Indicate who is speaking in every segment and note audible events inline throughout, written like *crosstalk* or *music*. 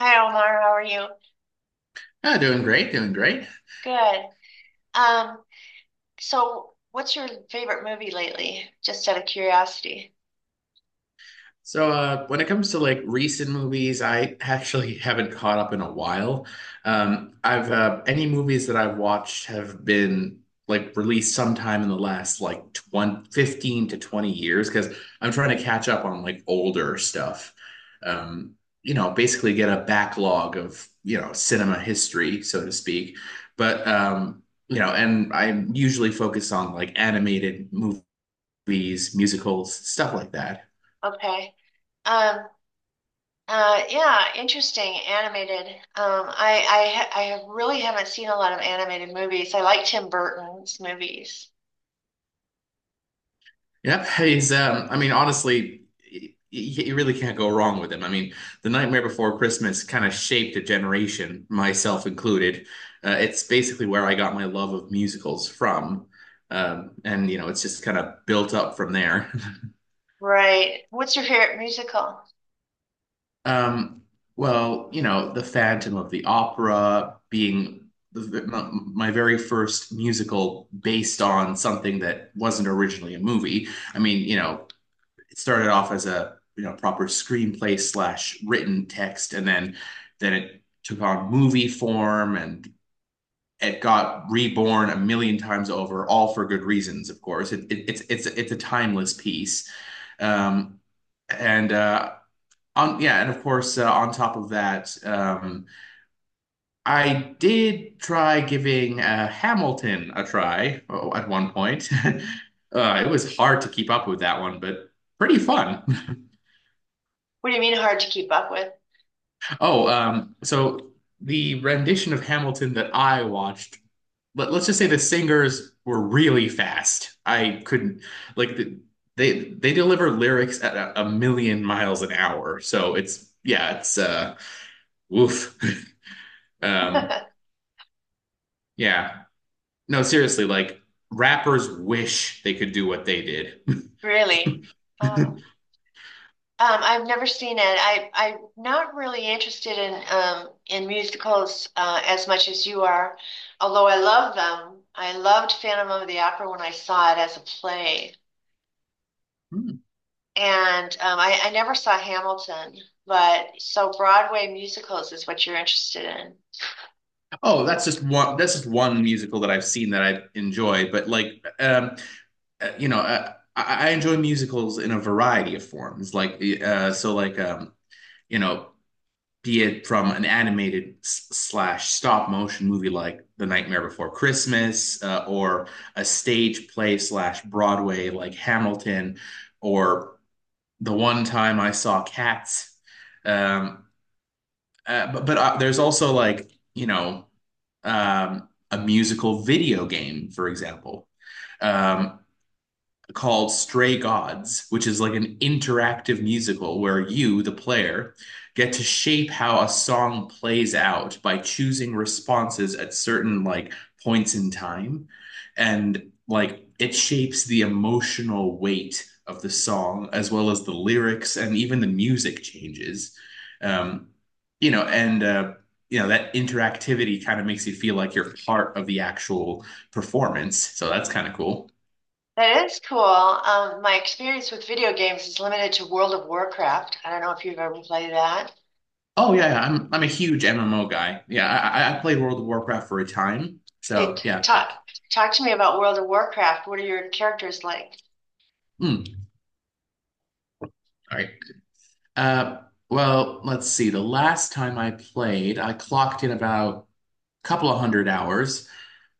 Speaker 1: Hi Omar, how are you?
Speaker 2: Ah, doing great, doing great.
Speaker 1: Good. Um, so what's your favorite movie lately? Just out of curiosity.
Speaker 2: So, when it comes to like recent movies, I actually *laughs* haven't caught up in a while. I've Any movies that I've watched have been like released sometime in the last like 15 to 20 years because I'm trying to catch up on like older stuff. Um, Basically get a backlog of cinema history, so to speak. But and I'm usually focused on like animated movies, musicals, stuff like that.
Speaker 1: Okay. Um, yeah, interesting. Animated. I really haven't seen a lot of animated movies. I like Tim Burton's movies.
Speaker 2: Yep, *laughs* he's I mean honestly you really can't go wrong with him. I mean, The Nightmare Before Christmas kind of shaped a generation, myself included. It's basically where I got my love of musicals from. And it's just kind of built up from there. *laughs*
Speaker 1: Right. What's your favorite musical?
Speaker 2: Um, well, The Phantom of the Opera being my very first musical based on something that wasn't originally a movie. I mean, it started off as a proper screenplay slash written text, and then it took on movie form and it got reborn a million times over, all for good reasons, of course. It, it's a timeless piece. Um, and uh, yeah, and of course, on top of that, I did try giving Hamilton a try at one point. *laughs* It was hard to keep up with that one, but pretty fun. *laughs*
Speaker 1: What do you mean hard to keep up with?
Speaker 2: Oh, so the rendition of Hamilton that I watched, let's just say the singers were really fast. I couldn't like the, They deliver lyrics at a million miles an hour. So it's yeah, it's woof. *laughs* Um,
Speaker 1: *laughs*
Speaker 2: yeah. No, seriously, like rappers wish they could do what they did.
Speaker 1: Really?
Speaker 2: *laughs*
Speaker 1: Oh. I've never seen it. I'm not really interested in musicals as much as you are, although I love them. I loved Phantom of the Opera when I saw it as a play, and I never saw Hamilton. But so Broadway musicals is what you're interested in.
Speaker 2: Oh, that's just one. That's just one musical that I've seen that I enjoy. But like, I enjoy musicals in a variety of forms. Like, so like, you know, be it from an animated slash stop motion movie like The Nightmare Before Christmas, or a stage play slash Broadway like Hamilton, or the one time I saw cats. Um, but there's also like, a musical video game, for example. Um, Called Stray Gods, which is like an interactive musical where you, the player, get to shape how a song plays out by choosing responses at certain like points in time. And like it shapes the emotional weight of the song as well as the lyrics and even the music changes. Um, and that interactivity kind of makes you feel like you're part of the actual performance. So that's kind of cool.
Speaker 1: That is cool. My experience with video games is limited to World of Warcraft. I don't know if you've ever played that.
Speaker 2: Oh yeah, yeah, I'm a huge MMO guy. Yeah, I played World of Warcraft for a time.
Speaker 1: Hey,
Speaker 2: So
Speaker 1: t-
Speaker 2: yeah.
Speaker 1: talk talk to me about World of Warcraft. What are your characters like?
Speaker 2: Mm, all right. Uh, well, let's see. The last time I played, I clocked in about a couple of hundred hours.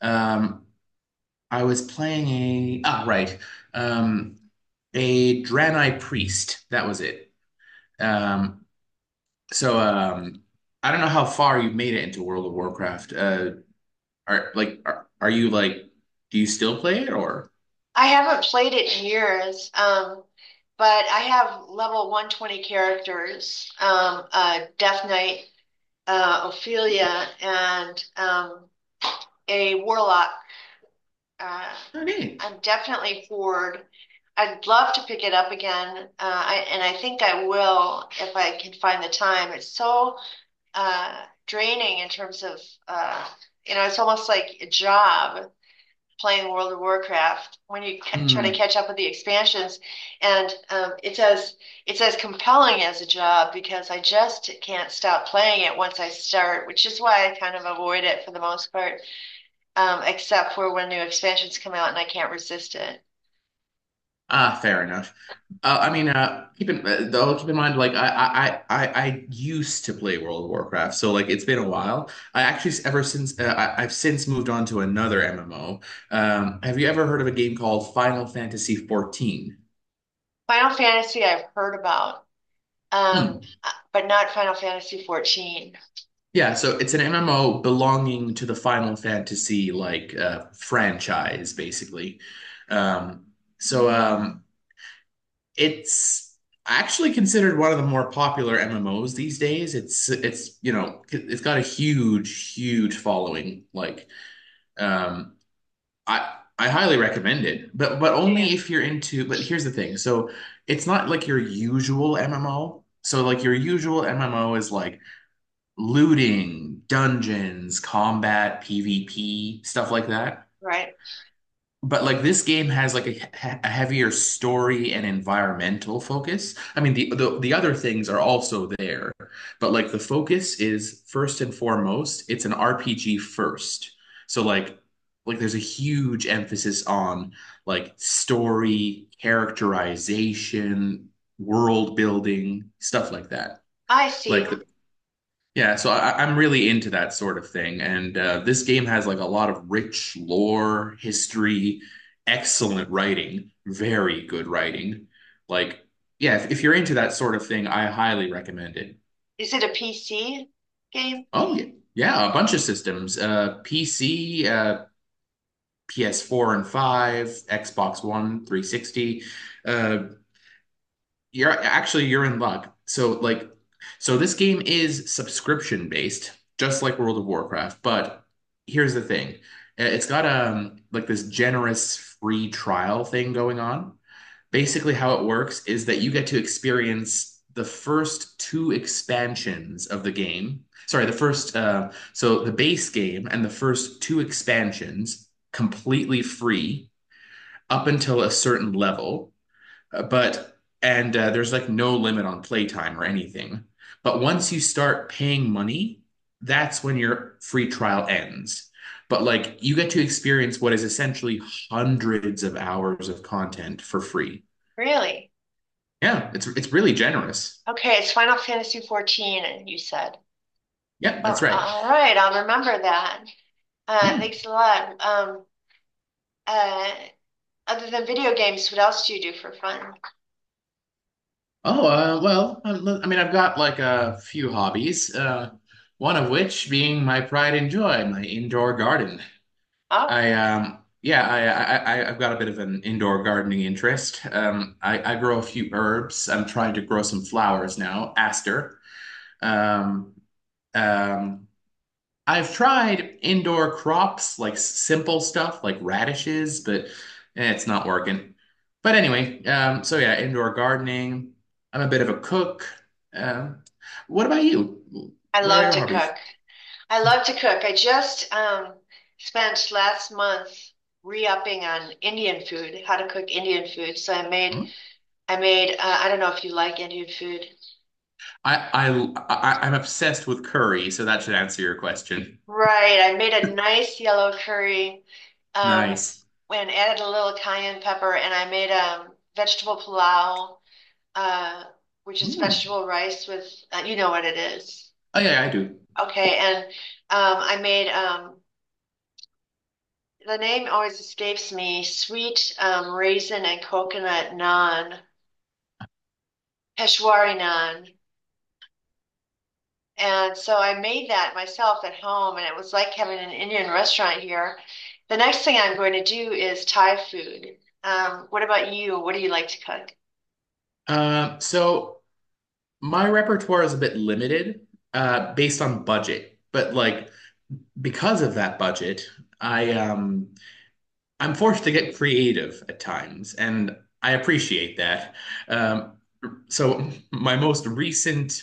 Speaker 2: Um, I was playing um, a Draenei Priest. That was it. Um, so I don't know how far you've made it into World of Warcraft. Are you like? Do you still play it or?
Speaker 1: I haven't played it in years, but I have level 120 characters, a Death Knight, Ophelia, and a Warlock. Uh,
Speaker 2: Okay.
Speaker 1: I'm definitely forward. I'd love to pick it up again, and I think I will if I can find the time. It's so uh, draining in terms of, uh, you know, it's almost like a job playing World of Warcraft when you try to
Speaker 2: Hmm.
Speaker 1: catch up with the expansions, and it's as compelling as a job because I just can't stop playing it once I start, which is why I kind of avoid it for the most part, except for when new expansions come out and I can't resist it.
Speaker 2: Ah, fair enough. I mean, keep in though, keep in mind, like I used to play World of Warcraft, so like it's been a while. Ever since, I've since moved on to another MMO. Have you ever heard of a game called Final Fantasy 14?
Speaker 1: Final Fantasy I've heard about, um,
Speaker 2: Hmm.
Speaker 1: but not Final Fantasy 14.
Speaker 2: Yeah, so it's an MMO belonging to the Final Fantasy like franchise, basically. Um, so it's actually considered one of the more popular MMOs these days. It's it's got a huge, huge following. Like um, I highly recommend it, but only
Speaker 1: Yeah.
Speaker 2: if you're into. But here's the thing: so it's not like your usual MMO. So like your usual MMO is like looting, dungeons, combat, PvP, stuff like that.
Speaker 1: Right.
Speaker 2: But like this game has like a heavier story and environmental focus. I mean, the other things are also there, but like the focus is first and foremost, it's an RPG first. So like there's a huge emphasis on like story, characterization, world building, stuff like that.
Speaker 1: I
Speaker 2: Like
Speaker 1: see.
Speaker 2: yeah, so I'm really into that sort of thing, and this game has like a lot of rich lore, history, excellent writing, very good writing. Like, yeah, if you're into that sort of thing, I highly recommend it.
Speaker 1: Is it a PC game?
Speaker 2: Oh yeah, yeah, a bunch of systems: PC, PS4 and 5, Xbox One, 360. Uh, You're actually, you're in luck. So this game is subscription based, just like World of Warcraft, but here's the thing. It's got like this generous free trial thing going on. Basically how it works is that you get to experience the first two expansions of the game. Sorry, the first so the base game and the first two expansions completely free up until a certain level. But and There's like no limit on playtime or anything. But once you start paying money, that's when your free trial ends. But like you get to experience what is essentially hundreds of hours of content for free.
Speaker 1: Really?
Speaker 2: Yeah, it's really generous.
Speaker 1: Okay, it's Final Fantasy 14, you said.
Speaker 2: Yeah,
Speaker 1: All
Speaker 2: that's right.
Speaker 1: all right, I'll remember that.
Speaker 2: Hmm.
Speaker 1: Thanks a lot. Uh, Other than video games, what else do you do for fun?
Speaker 2: Oh, well, I mean, I've got like a few hobbies, one of which being my pride and joy, my indoor garden.
Speaker 1: Oh,
Speaker 2: I yeah, I- I've got a bit of an indoor gardening interest. I grow a few herbs. I'm trying to grow some flowers now, aster. Um, um, I've tried indoor crops like simple stuff like radishes, but it's not working. But anyway, so yeah, indoor gardening. I'm a bit of a cook. Um, what about you?
Speaker 1: I
Speaker 2: What are
Speaker 1: love
Speaker 2: your
Speaker 1: to
Speaker 2: hobbies?
Speaker 1: cook. I love to cook. I just spent last month re-upping on Indian food, how to cook Indian food. I made, I don't know if you like Indian food.
Speaker 2: I I I'm obsessed with curry, so that should answer your question.
Speaker 1: Right, I made a nice yellow curry, um,
Speaker 2: Nice.
Speaker 1: and added a little cayenne pepper, and I made vegetable pilau. Uh, which is
Speaker 2: Hmm.
Speaker 1: vegetable rice with, you know what it is.
Speaker 2: Oh yeah, yeah, I do.
Speaker 1: Okay, and I made the name always escapes me sweet raisin and coconut naan, Peshwari naan. And so I made that myself at home, and it was like having an Indian restaurant here. The next thing I'm going to do is Thai food. What about you? What do you like to
Speaker 2: So my repertoire is a bit limited, based on budget. But like because of that budget, I um I'm forced to get creative at times, and I appreciate that. Um, so my most recent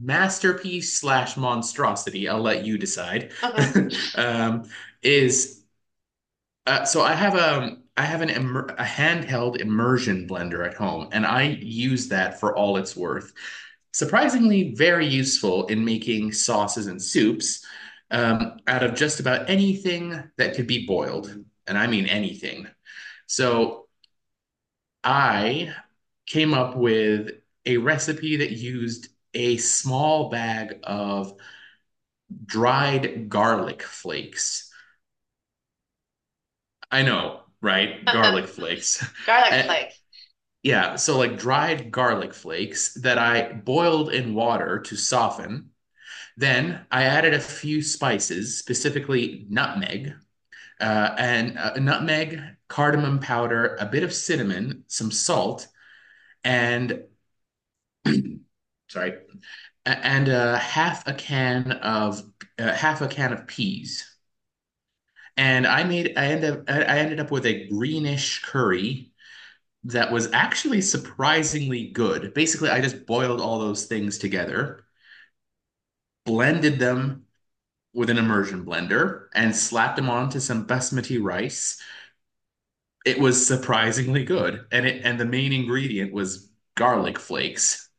Speaker 2: masterpiece slash monstrosity, I'll let you decide,
Speaker 1: cook? *laughs*
Speaker 2: *laughs* um, is so I have a I have an immer a handheld immersion blender at home, and I use that for all it's worth. Surprisingly, very useful in making sauces and soups, out of just about anything that could be boiled, and I mean anything. So I came up with a recipe that used a small bag of dried garlic flakes. I know, right? Garlic flakes. *laughs*
Speaker 1: Garlic
Speaker 2: A-
Speaker 1: flakes.
Speaker 2: Yeah, so like dried garlic flakes that I boiled in water to soften. Then I added a few spices, specifically nutmeg, uh, and uh, nutmeg, cardamom powder, a bit of cinnamon, some salt, and sorry, a- and half a can of peas. And I made I ended up with a greenish curry that was actually surprisingly good. Basically, I just boiled all those things together, blended them with an immersion blender, and slapped them onto some basmati rice. It was surprisingly good, and the main ingredient was garlic flakes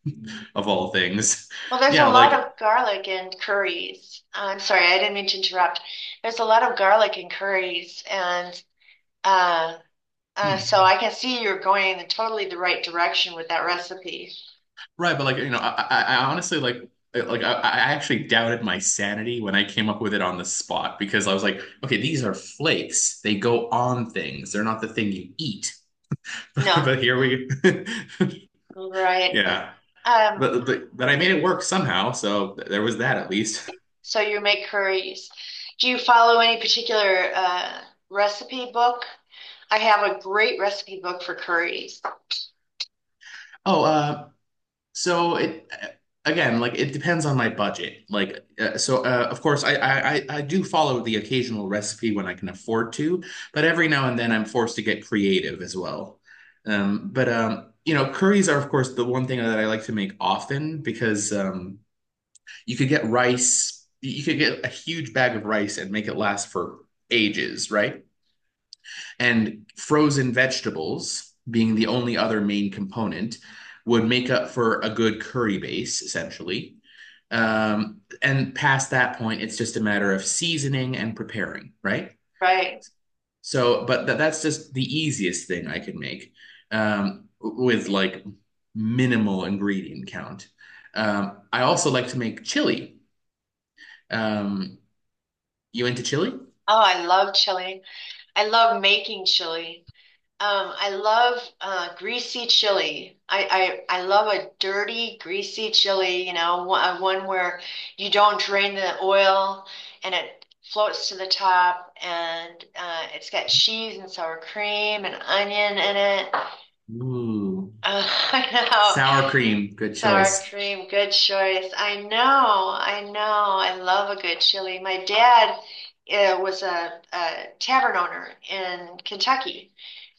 Speaker 2: of all things. *laughs*
Speaker 1: Well, there's a
Speaker 2: Yeah,
Speaker 1: lot
Speaker 2: like
Speaker 1: of garlic in curries. I'm sorry, I didn't mean to interrupt. There's a lot of garlic in curries, and uh,
Speaker 2: hmm.
Speaker 1: so I can see you're going in totally the right direction with that recipe.
Speaker 2: right, but like I honestly like I actually doubted my sanity when I came up with it on the spot because I was like, okay, these are flakes. They go on things. They're not the thing you eat. *laughs* But
Speaker 1: No,
Speaker 2: here we, *laughs*
Speaker 1: right.
Speaker 2: yeah.
Speaker 1: Um,
Speaker 2: But I made it work somehow. So there was that at least. *laughs*
Speaker 1: so you make curries. Do you follow any particular recipe book? I have a great recipe book for curries,
Speaker 2: Oh, so it again, like it depends on my budget. Like so, of course, I do follow the occasional recipe when I can afford to, but every now and then I'm forced to get creative as well. But curries are of course the one thing that I like to make often because you could get rice, you could get a huge bag of rice and make it last for ages, right? And frozen vegetables being the only other main component would make up for a good curry base essentially. And past that point it's just a matter of seasoning and preparing right.
Speaker 1: right?
Speaker 2: That's just the easiest thing I could make, with like minimal ingredient count. I also like to make chili. um, you into chili?
Speaker 1: Oh, I love chili. I love making chili. I love greasy chili. I love a dirty, greasy chili, you know, one where you don't drain the oil and it floats to the top and it's got cheese and sour cream and onion in it.
Speaker 2: Ooh.
Speaker 1: *laughs* I know.
Speaker 2: Sour cream, good
Speaker 1: Sour
Speaker 2: choice.
Speaker 1: cream, good choice. I know, I know. I love a good chili. My dad was a tavern owner in Kentucky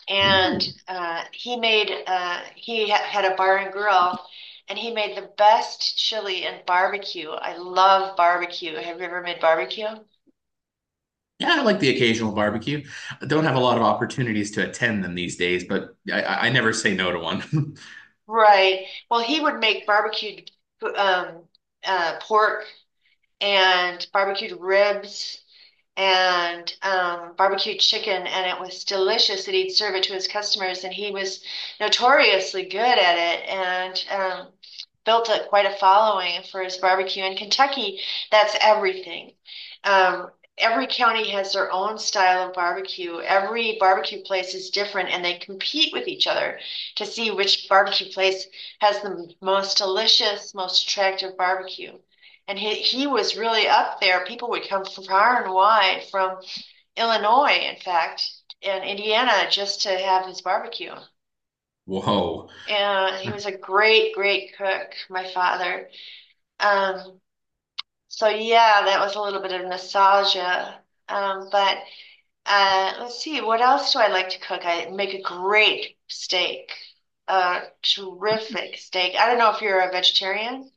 Speaker 1: and
Speaker 2: Ooh.
Speaker 1: he ha had a bar and grill, and he made the best chili and barbecue. I love barbecue. Have you ever made barbecue?
Speaker 2: Yeah, I like the occasional barbecue. I don't have a lot of opportunities to attend them these days, but I never say no to one.
Speaker 1: Right. Well, he would make barbecued um, pork and barbecued ribs and barbecue chicken, and it was delicious. And he'd serve it to his customers, and he was notoriously good at it, and built up quite a following for his barbecue. In Kentucky, that's everything. Um, every county has their own style of barbecue. Every barbecue place is different, and they compete with each other to see which barbecue place has the most delicious, most attractive barbecue. And he was really up there. People would come from far and wide, from Illinois, in fact, and Indiana, just to have his barbecue.
Speaker 2: *laughs* Whoa.
Speaker 1: And he was a great, great cook, my father. Um, so, yeah, that was a little bit of nostalgia. But let's see, what else do I like to cook? I make a great steak, a terrific steak. I don't know if you're a vegetarian,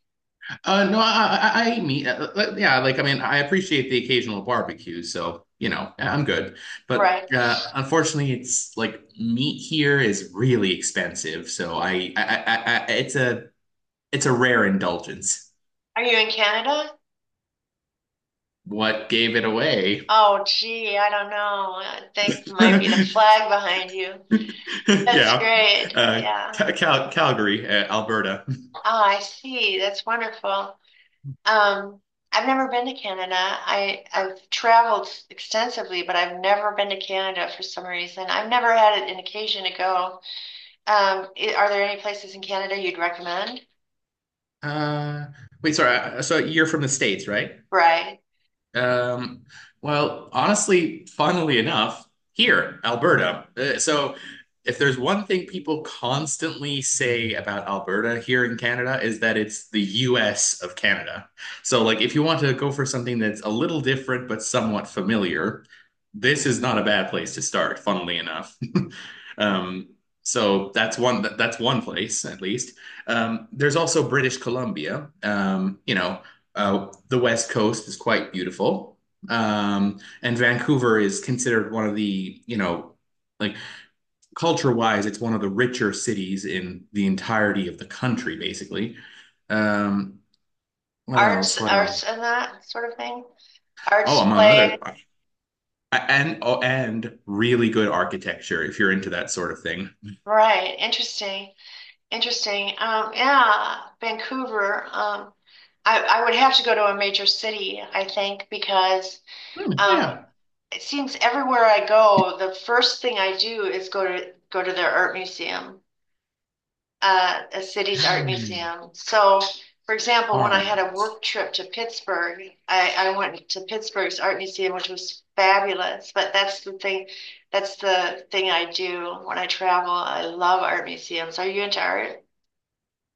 Speaker 2: No, I mean, yeah, like, I mean, I appreciate the occasional barbecue, so, yeah, I'm good. But
Speaker 1: right?
Speaker 2: unfortunately, it's like meat here is really expensive, so it's a rare indulgence.
Speaker 1: Are you in Canada?
Speaker 2: What gave it away?
Speaker 1: Oh, gee, I don't know. I think might be the
Speaker 2: *laughs*
Speaker 1: flag behind you. That's
Speaker 2: Yeah,
Speaker 1: great.
Speaker 2: uh,
Speaker 1: Yeah.
Speaker 2: Calgary, Alberta. *laughs*
Speaker 1: Oh, I see. That's wonderful. Um, I've never been to Canada. I've traveled extensively, but I've never been to Canada for some reason. I've never had an occasion to go. Are there any places in Canada you'd recommend?
Speaker 2: Uh, Wait, sorry. So you're from the States, right?
Speaker 1: Right.
Speaker 2: Um, well, honestly, funnily enough, here, Alberta. So if there's one thing people constantly say about Alberta here in Canada is that it's the US of Canada. So like if you want to go for something that's a little different but somewhat familiar, this is not a bad place to start, funnily enough. Um, so that's one place at least. There's also British Columbia. The West Coast is quite beautiful, and Vancouver is considered one of the like culture wise, it's one of the richer cities in the entirety of the country, basically. Um, what
Speaker 1: Arts,
Speaker 2: else? What
Speaker 1: arts and
Speaker 2: else?
Speaker 1: that sort of thing.
Speaker 2: Oh,
Speaker 1: Arts
Speaker 2: among
Speaker 1: play.
Speaker 2: other and oh, and really good architecture if you're into that sort of thing.
Speaker 1: Right. Interesting. Interesting. Yeah, Vancouver. I would have to go to a major city, I think, because
Speaker 2: Hmm. Oh
Speaker 1: um,
Speaker 2: yeah.
Speaker 1: it seems everywhere I go, the first thing I do is go to their art museum, a city's art
Speaker 2: Um,
Speaker 1: museum. So, for example, when I
Speaker 2: Art.
Speaker 1: had a work trip to Pittsburgh, I went to Pittsburgh's art museum, which was fabulous. But that's the thing I do when I travel. I love art museums. Are you into art?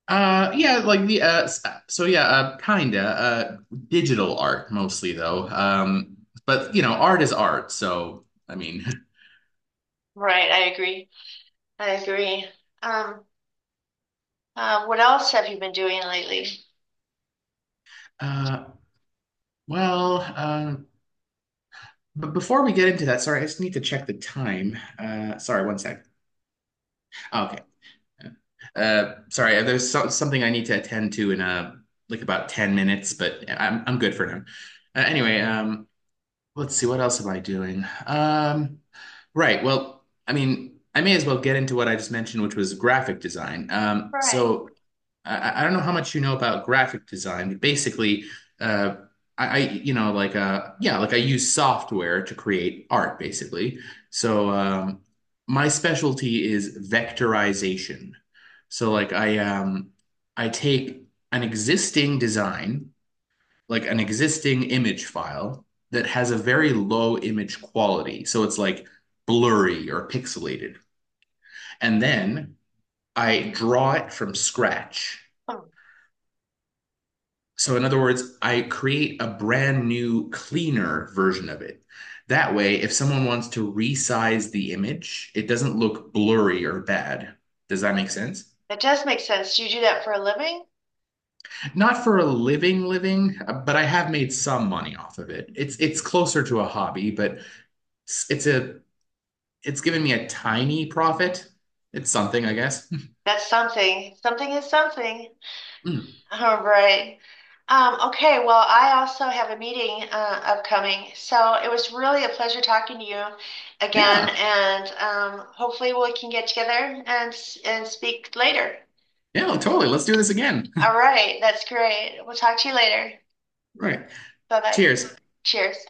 Speaker 2: Yeah, so yeah, kinda digital art mostly though. But art is art, so I mean, *laughs*
Speaker 1: Right, I agree. I agree. Um, what else have you been doing lately?
Speaker 2: uh, well, but before we get into that, sorry, I just need to check the time. Sorry, one sec. Ah, okay. Sorry, there's something I need to attend to in like about 10 minutes, but I'm good for now. Anyway, let's see, what else am I doing? Right, well, I mean, I may as well get into what I just mentioned, which was graphic design.
Speaker 1: Right.
Speaker 2: So I don't know how much you know about graphic design, but basically, uh, I you know like yeah like I use software to create art basically. So my specialty is vectorization. So like I take an existing design, like an existing image file that has a very low image quality. So it's like blurry or pixelated. And then I draw it from scratch.
Speaker 1: Hmm.
Speaker 2: So, in other words, I create a brand new, cleaner version of it. That way, if someone wants to resize the image, it doesn't look blurry or bad. Does that make sense?
Speaker 1: That does make sense. Do you do that for a living?
Speaker 2: Not for a living, living, but I have made some money off of it. It's closer to a hobby, but it's, a it's given me a tiny profit. It's something, I guess.
Speaker 1: That's something. Something is something. *laughs*
Speaker 2: *laughs*
Speaker 1: All right. Okay, well, I also have a meeting upcoming, so it was really a pleasure talking to you again,
Speaker 2: Yeah,
Speaker 1: and hopefully we can get together and speak later.
Speaker 2: yeah, totally. Let's do this again.
Speaker 1: All
Speaker 2: *laughs*
Speaker 1: right, that's great. We'll talk to you later.
Speaker 2: Right.
Speaker 1: Bye bye.
Speaker 2: Cheers.
Speaker 1: Cheers.